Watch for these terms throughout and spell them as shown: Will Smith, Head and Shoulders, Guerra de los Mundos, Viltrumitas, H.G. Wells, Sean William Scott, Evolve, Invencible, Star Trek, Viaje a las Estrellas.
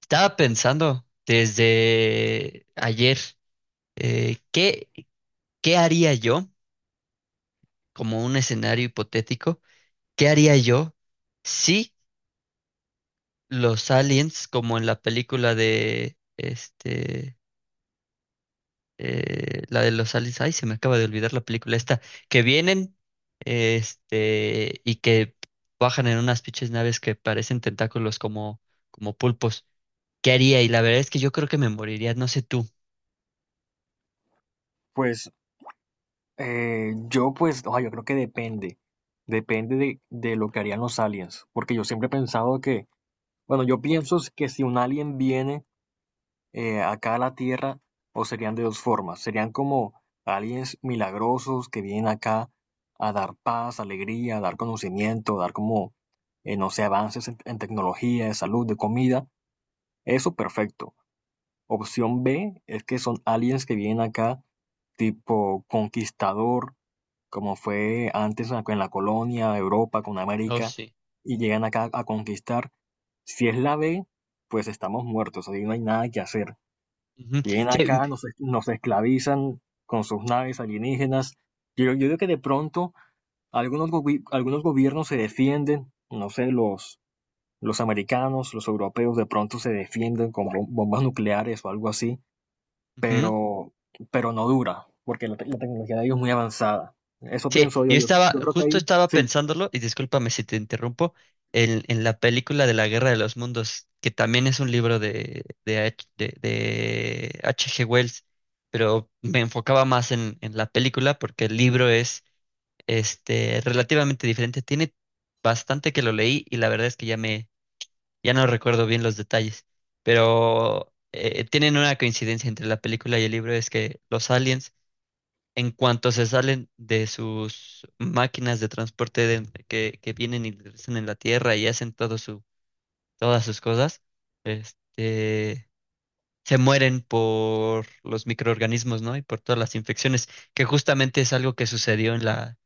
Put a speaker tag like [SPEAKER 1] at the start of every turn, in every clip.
[SPEAKER 1] Estaba pensando desde ayer, ¿qué, qué haría yo, como un escenario hipotético, qué haría yo si los aliens, como en la película de, la de los aliens, ay, se me acaba de olvidar la película esta, que vienen, y que bajan en unas pinches naves que parecen tentáculos como pulpos, ¿qué haría? Y la verdad es que yo creo que me moriría, no sé tú.
[SPEAKER 2] Pues yo pues, o sea, yo creo que depende, depende de lo que harían los aliens, porque yo siempre he pensado que, bueno, yo pienso es que si un alien viene acá a la Tierra, o serían de dos formas, serían como aliens milagrosos que vienen acá a dar paz, alegría, a dar conocimiento, a dar como, no sé, avances en tecnología, de salud, de comida, eso perfecto. Opción B es que son aliens que vienen acá tipo conquistador como fue antes en en la colonia, Europa, con
[SPEAKER 1] Oh,
[SPEAKER 2] América,
[SPEAKER 1] sí.
[SPEAKER 2] y llegan acá a conquistar. Si es la B, pues estamos muertos, ahí no hay nada que hacer.
[SPEAKER 1] Ujú.
[SPEAKER 2] Vienen
[SPEAKER 1] Sí.
[SPEAKER 2] acá, nos, nos esclavizan con sus naves alienígenas. Yo digo que de pronto algunos, algunos gobiernos se defienden, no sé, los americanos, los europeos de pronto se defienden con bombas nucleares o algo así,
[SPEAKER 1] Ujú.
[SPEAKER 2] pero, pero no dura, porque la, la tecnología de ellos es muy avanzada. Eso
[SPEAKER 1] Sí,
[SPEAKER 2] pienso yo, yo, yo creo que
[SPEAKER 1] justo
[SPEAKER 2] ahí.
[SPEAKER 1] estaba
[SPEAKER 2] Sí,
[SPEAKER 1] pensándolo, y discúlpame si te interrumpo, en la película de la Guerra de los Mundos, que también es un libro de H.G. Wells, pero me enfocaba más en la película porque el libro es relativamente diferente. Tiene bastante que lo leí y la verdad es que ya no recuerdo bien los detalles, pero tienen una coincidencia entre la película y el libro, es que los aliens en cuanto se salen de sus máquinas de que vienen y regresan en la Tierra y hacen todo su, todas sus cosas, este, se mueren por los microorganismos, ¿no? Y por todas las infecciones, que justamente es algo que sucedió en la,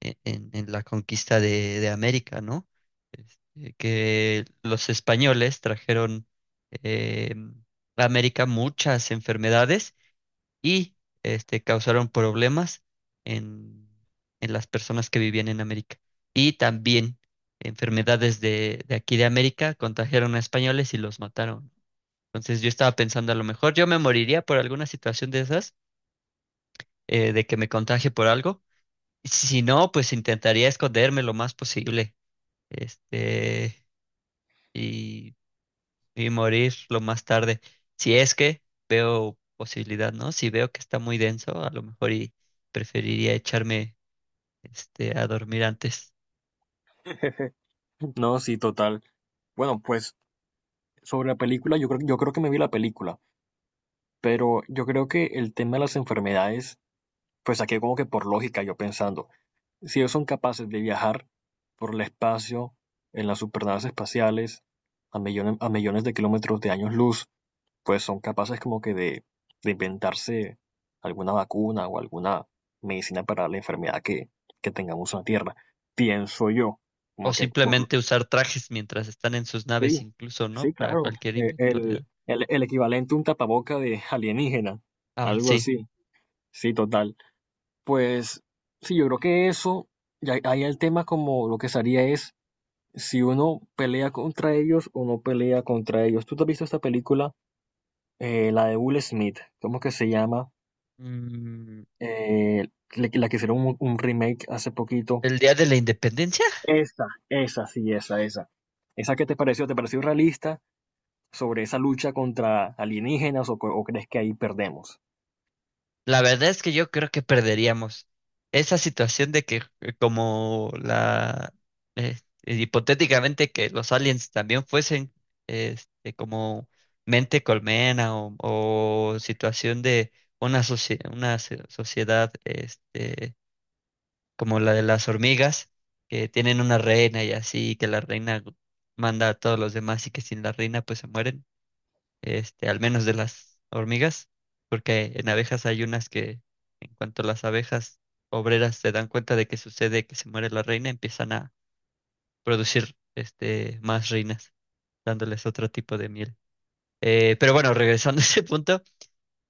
[SPEAKER 1] en, en- en la conquista de América, ¿no? Este, que los españoles trajeron eh, a América muchas enfermedades y causaron problemas en, en las personas que vivían en América. Y también enfermedades de aquí de América contagiaron a españoles y los mataron. Entonces yo estaba pensando, a lo mejor yo me moriría por alguna situación de esas, de que me contagie por algo. Si no, pues intentaría esconderme lo más posible. Este, y morir lo más tarde. Si es que veo posibilidad, ¿no? Si veo que está muy denso, a lo mejor y preferiría echarme a dormir antes.
[SPEAKER 2] no, sí, total. Bueno, pues sobre la película, yo creo que me vi la película, pero yo creo que el tema de las enfermedades, pues aquí como que por lógica yo pensando, si ellos son capaces de viajar por el espacio, en las supernaves espaciales, a millones de kilómetros de años luz, pues son capaces como que de inventarse alguna vacuna o alguna medicina para la enfermedad que tengamos en la Tierra. Pienso yo,
[SPEAKER 1] O
[SPEAKER 2] como que por...
[SPEAKER 1] simplemente usar trajes mientras están en sus naves,
[SPEAKER 2] Sí,
[SPEAKER 1] incluso, ¿no?
[SPEAKER 2] sí,
[SPEAKER 1] Para
[SPEAKER 2] claro.
[SPEAKER 1] cualquier eventualidad.
[SPEAKER 2] El equivalente a un tapaboca de alienígena,
[SPEAKER 1] Ah,
[SPEAKER 2] algo
[SPEAKER 1] sí.
[SPEAKER 2] así. Sí, total. Pues sí, yo creo que eso, ya ahí el tema como lo que sería es si uno pelea contra ellos o no pelea contra ellos. ¿Tú te has visto esta película, la de Will Smith? ¿Cómo que se llama?
[SPEAKER 1] Mm,
[SPEAKER 2] eh, la que hicieron un remake hace poquito.
[SPEAKER 1] ¿el día de la independencia?
[SPEAKER 2] Esa, sí, esa, esa. ¿Esa qué te pareció? ¿Te pareció realista sobre esa lucha contra alienígenas o, o crees que ahí perdemos?
[SPEAKER 1] La verdad es que yo creo que perderíamos esa situación de que como la eh, hipotéticamente que los aliens también fuesen como mente colmena o situación de una sociedad como la de las hormigas que tienen una reina y así que la reina manda a todos los demás y que sin la reina pues se mueren al menos de las hormigas, porque en abejas hay unas que, en cuanto las abejas obreras se dan cuenta de que sucede que se muere la reina, empiezan a producir más reinas, dándoles otro tipo de miel. Pero bueno, regresando a ese punto,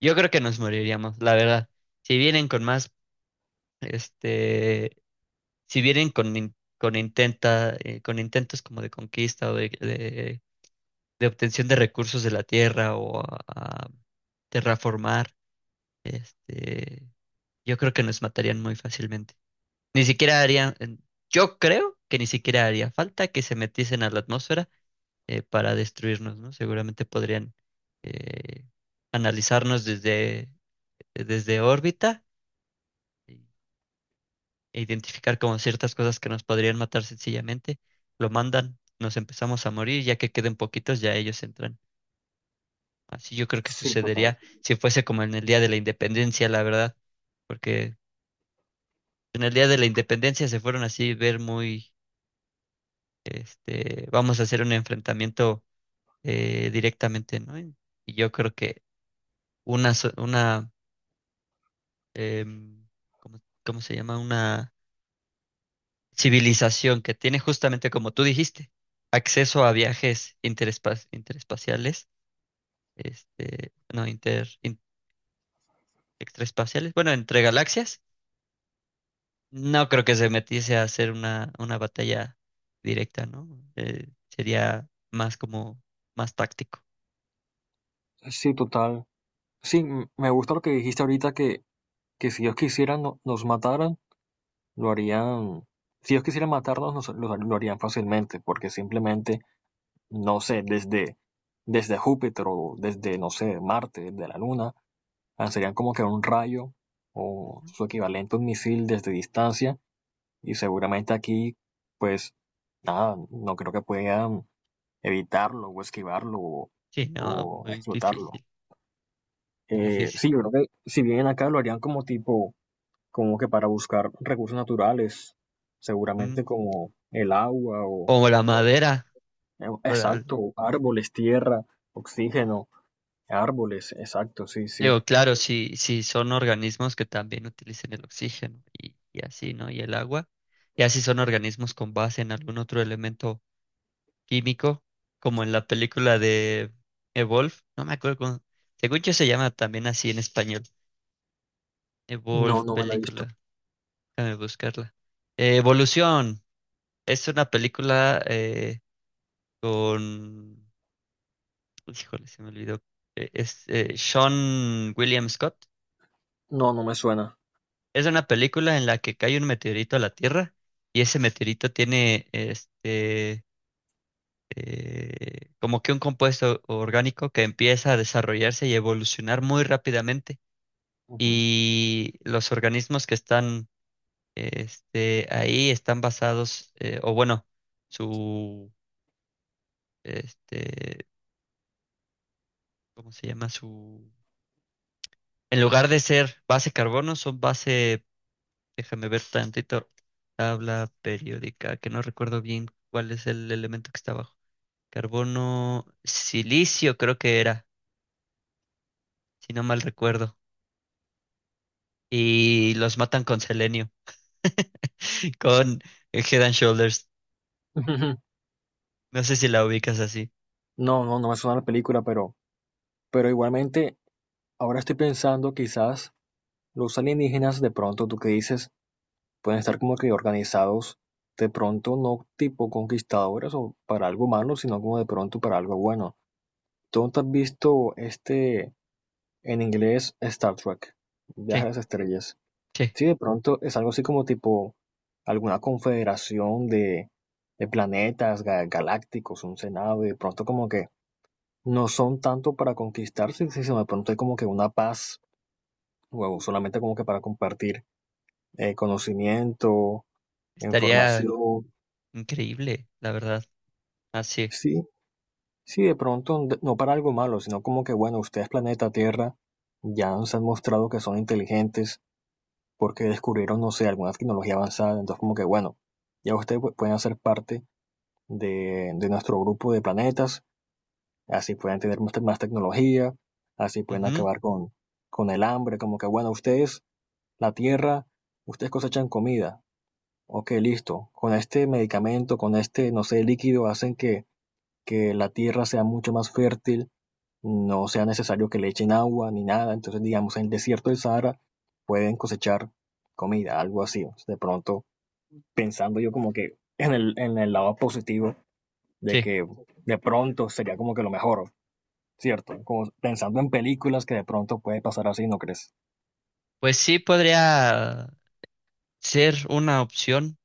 [SPEAKER 1] yo creo que nos moriríamos, la verdad. Si vienen con más, este, si vienen con intentos como de conquista o de obtención de recursos de la tierra o a terraformar, Este, yo creo que nos matarían muy fácilmente. Ni siquiera harían, en- Yo creo que ni siquiera haría falta que se metiesen a la atmósfera para destruirnos, ¿no? Seguramente podrían eh, analizarnos desde órbita y- e identificar como ciertas cosas que nos podrían matar sencillamente. Lo mandan, nos empezamos a morir, ya que queden poquitos, ya ellos entran. Así yo creo que
[SPEAKER 2] Sí, total.
[SPEAKER 1] sucedería si fuese como en el día de la independencia, la verdad, porque en el día de la independencia se fueron así ver muy, vamos a hacer un enfrentamiento directamente, ¿no? Y yo creo que una, so- una em, ¿cómo, cómo se llama? Una civilización que tiene justamente, como tú dijiste, acceso a viajes interespaciales, este, no, inter, in- extraespaciales, bueno, entre galaxias. No creo que se metiese a hacer una batalla directa, ¿no? Sería más como más táctico.
[SPEAKER 2] Sí, total. Sí, me gusta lo que dijiste ahorita que si ellos quisieran nos mataran, lo harían. Si ellos quisieran matarnos, lo harían fácilmente, porque simplemente, no sé, desde, desde Júpiter o desde, no sé, Marte, desde la Luna, lanzarían como que un rayo o
[SPEAKER 1] Ujú.
[SPEAKER 2] su equivalente a un misil desde distancia y seguramente aquí, pues nada, no creo que puedan evitarlo o esquivarlo
[SPEAKER 1] Sí, no,
[SPEAKER 2] o
[SPEAKER 1] muy
[SPEAKER 2] explotarlo.
[SPEAKER 1] difícil, muy difícil.
[SPEAKER 2] Sí, yo creo que si vienen acá lo harían como tipo, como que para buscar recursos naturales,
[SPEAKER 1] Ujú.
[SPEAKER 2] seguramente como el agua o,
[SPEAKER 1] O la
[SPEAKER 2] o-
[SPEAKER 1] madera. para-
[SPEAKER 2] exacto, o árboles, tierra, oxígeno, árboles, exacto, sí, sí.
[SPEAKER 1] Digo, claro, si, si son organismos que también utilicen el oxígeno y así, ¿no? Y el agua. Y así son organismos con base en algún otro elemento químico, como en la película de Evolve. No me acuerdo cómo. Según yo se llama también así en español
[SPEAKER 2] No,
[SPEAKER 1] Evolve,
[SPEAKER 2] no me la he visto.
[SPEAKER 1] película. Déjame buscarla. Evolución. Es una película con... Híjole, se me olvidó. Es Sean William Scott.
[SPEAKER 2] No, no me suena.
[SPEAKER 1] Es una película en la que cae un meteorito a la Tierra y ese meteorito tiene este... como que un compuesto orgánico que empieza a desarrollarse y evolucionar muy rápidamente
[SPEAKER 2] Ujú.
[SPEAKER 1] y los organismos que están ahí están basados, o bueno, su, este, ¿cómo se llama? Su, en lugar de ser base carbono, son base, déjame ver tantito, tabla periódica, que no recuerdo bien cuál es el elemento que está abajo. Carbono, silicio creo que era, si no mal recuerdo. Y los matan con selenio, con Head and Shoulders.
[SPEAKER 2] Ujú.
[SPEAKER 1] No sé si la ubicas así.
[SPEAKER 2] No, no, no me suena la película, pero igualmente, ahora estoy pensando, quizás los alienígenas, de pronto, tú que dices, pueden estar como que organizados, de pronto no tipo conquistadores o para algo malo, sino como de pronto para algo bueno. ¿Tú no te has visto este, en inglés, Star Trek, Viaje a
[SPEAKER 1] Sí,
[SPEAKER 2] las Estrellas?
[SPEAKER 1] sí,
[SPEAKER 2] Sí, de pronto es algo así como tipo alguna confederación de planetas galácticos, un senado, y de pronto como que no son tanto para conquistarse, sino de pronto hay como que una paz, o solamente como que para compartir conocimiento,
[SPEAKER 1] estaría
[SPEAKER 2] información.
[SPEAKER 1] increíble, la verdad. Así.
[SPEAKER 2] Sí, sí, de pronto, no para algo malo, sino como que, bueno, ustedes, planeta Tierra, ya nos han mostrado que son inteligentes porque descubrieron, no sé, alguna tecnología avanzada. Entonces, como que, bueno, ya ustedes pueden hacer parte de nuestro grupo de planetas, así pueden tener más, más tecnología, así pueden
[SPEAKER 1] Ujú.
[SPEAKER 2] acabar con el hambre, como que, bueno, ustedes la tierra, ustedes cosechan comida. Ok, listo. Con este medicamento, con este, no sé, líquido, hacen que la tierra sea mucho más fértil, no sea necesario que le echen agua ni nada. Entonces, digamos, en el desierto del Sahara pueden cosechar comida, algo así. De pronto, pensando yo como que en el lado positivo de
[SPEAKER 1] Sí.
[SPEAKER 2] que de pronto sería como que lo mejor, ¿cierto? Como pensando en películas que de pronto puede pasar así, ¿no crees?
[SPEAKER 1] Pues sí podría ser una opción,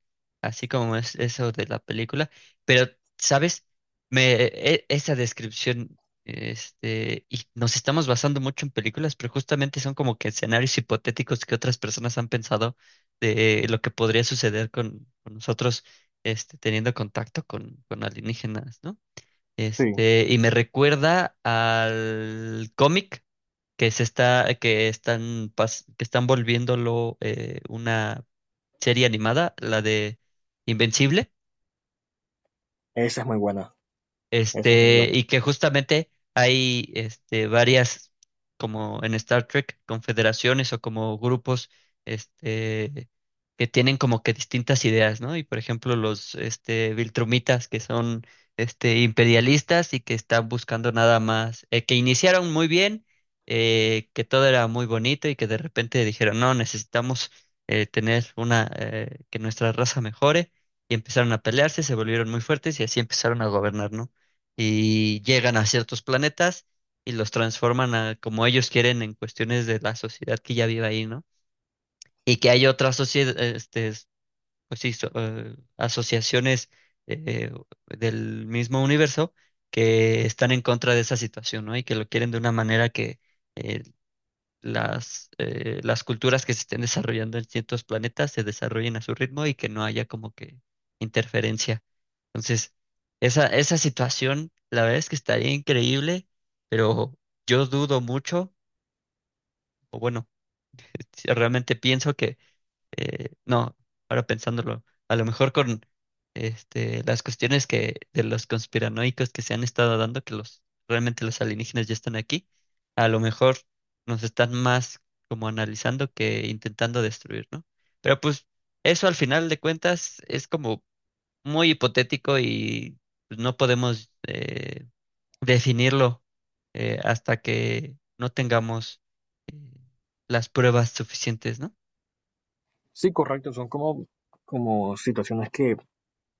[SPEAKER 1] así como es eso de la película. Pero, ¿sabes? Esa descripción, y nos estamos basando mucho en películas, pero justamente son como que escenarios hipotéticos que otras personas han pensado de lo que podría suceder con nosotros, teniendo contacto con alienígenas, ¿no?
[SPEAKER 2] Sí,
[SPEAKER 1] Y me recuerda al cómic que se está, que están volviéndolo una serie animada, la de Invencible.
[SPEAKER 2] esa es muy buena, esa es muy buena.
[SPEAKER 1] Y que justamente hay varias, como en Star Trek, confederaciones o como grupos este, que tienen como que distintas ideas, ¿no? Y por ejemplo, los Viltrumitas, que son imperialistas y que están buscando nada más, que iniciaron muy bien, que todo era muy bonito y que de repente dijeron, no, necesitamos tener que nuestra raza mejore. Y empezaron a pelearse, se volvieron muy fuertes y así empezaron a gobernar, ¿no? Y llegan a ciertos planetas y los transforman a como ellos quieren en cuestiones de la sociedad que ya vive ahí, ¿no? Y que hay otras sociedades, pues sí, asociaciones eh, del mismo universo que están en contra de esa situación, ¿no? Y que lo quieren de una manera que eh, las culturas que se estén desarrollando en ciertos planetas se desarrollen a su ritmo y que no haya como que interferencia. Entonces, esa situación, la verdad es que estaría increíble, pero yo dudo mucho, o bueno, si realmente pienso que, no, ahora pensándolo, a lo mejor con las cuestiones que de los conspiranoicos que se han estado dando, que los realmente los alienígenas ya están aquí, a lo mejor nos están más como analizando que intentando destruir, ¿no? Pero pues eso al final de cuentas es como muy hipotético y pues, no podemos definirlo hasta que no tengamos eh, las pruebas suficientes, ¿no?
[SPEAKER 2] Sí, correcto, son como, como situaciones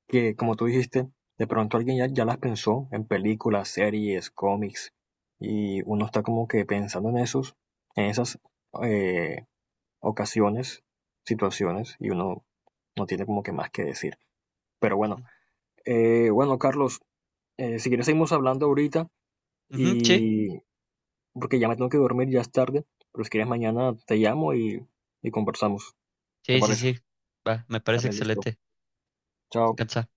[SPEAKER 2] que, como tú dijiste, de pronto alguien ya, ya las pensó en películas, series, cómics, y uno está como que pensando en esos, en esas eh, ocasiones, situaciones, y uno no tiene como que más que decir. Pero
[SPEAKER 1] Ujú.
[SPEAKER 2] bueno, bueno, Carlos, si quieres seguimos hablando ahorita,
[SPEAKER 1] Ujú, sí,
[SPEAKER 2] y porque ya me tengo que dormir, ya es tarde, pero si quieres mañana te llamo y conversamos, ¿te parece?
[SPEAKER 1] sí. Va, me parece
[SPEAKER 2] Dale, listo.
[SPEAKER 1] excelente.
[SPEAKER 2] Chao.
[SPEAKER 1] Descansa.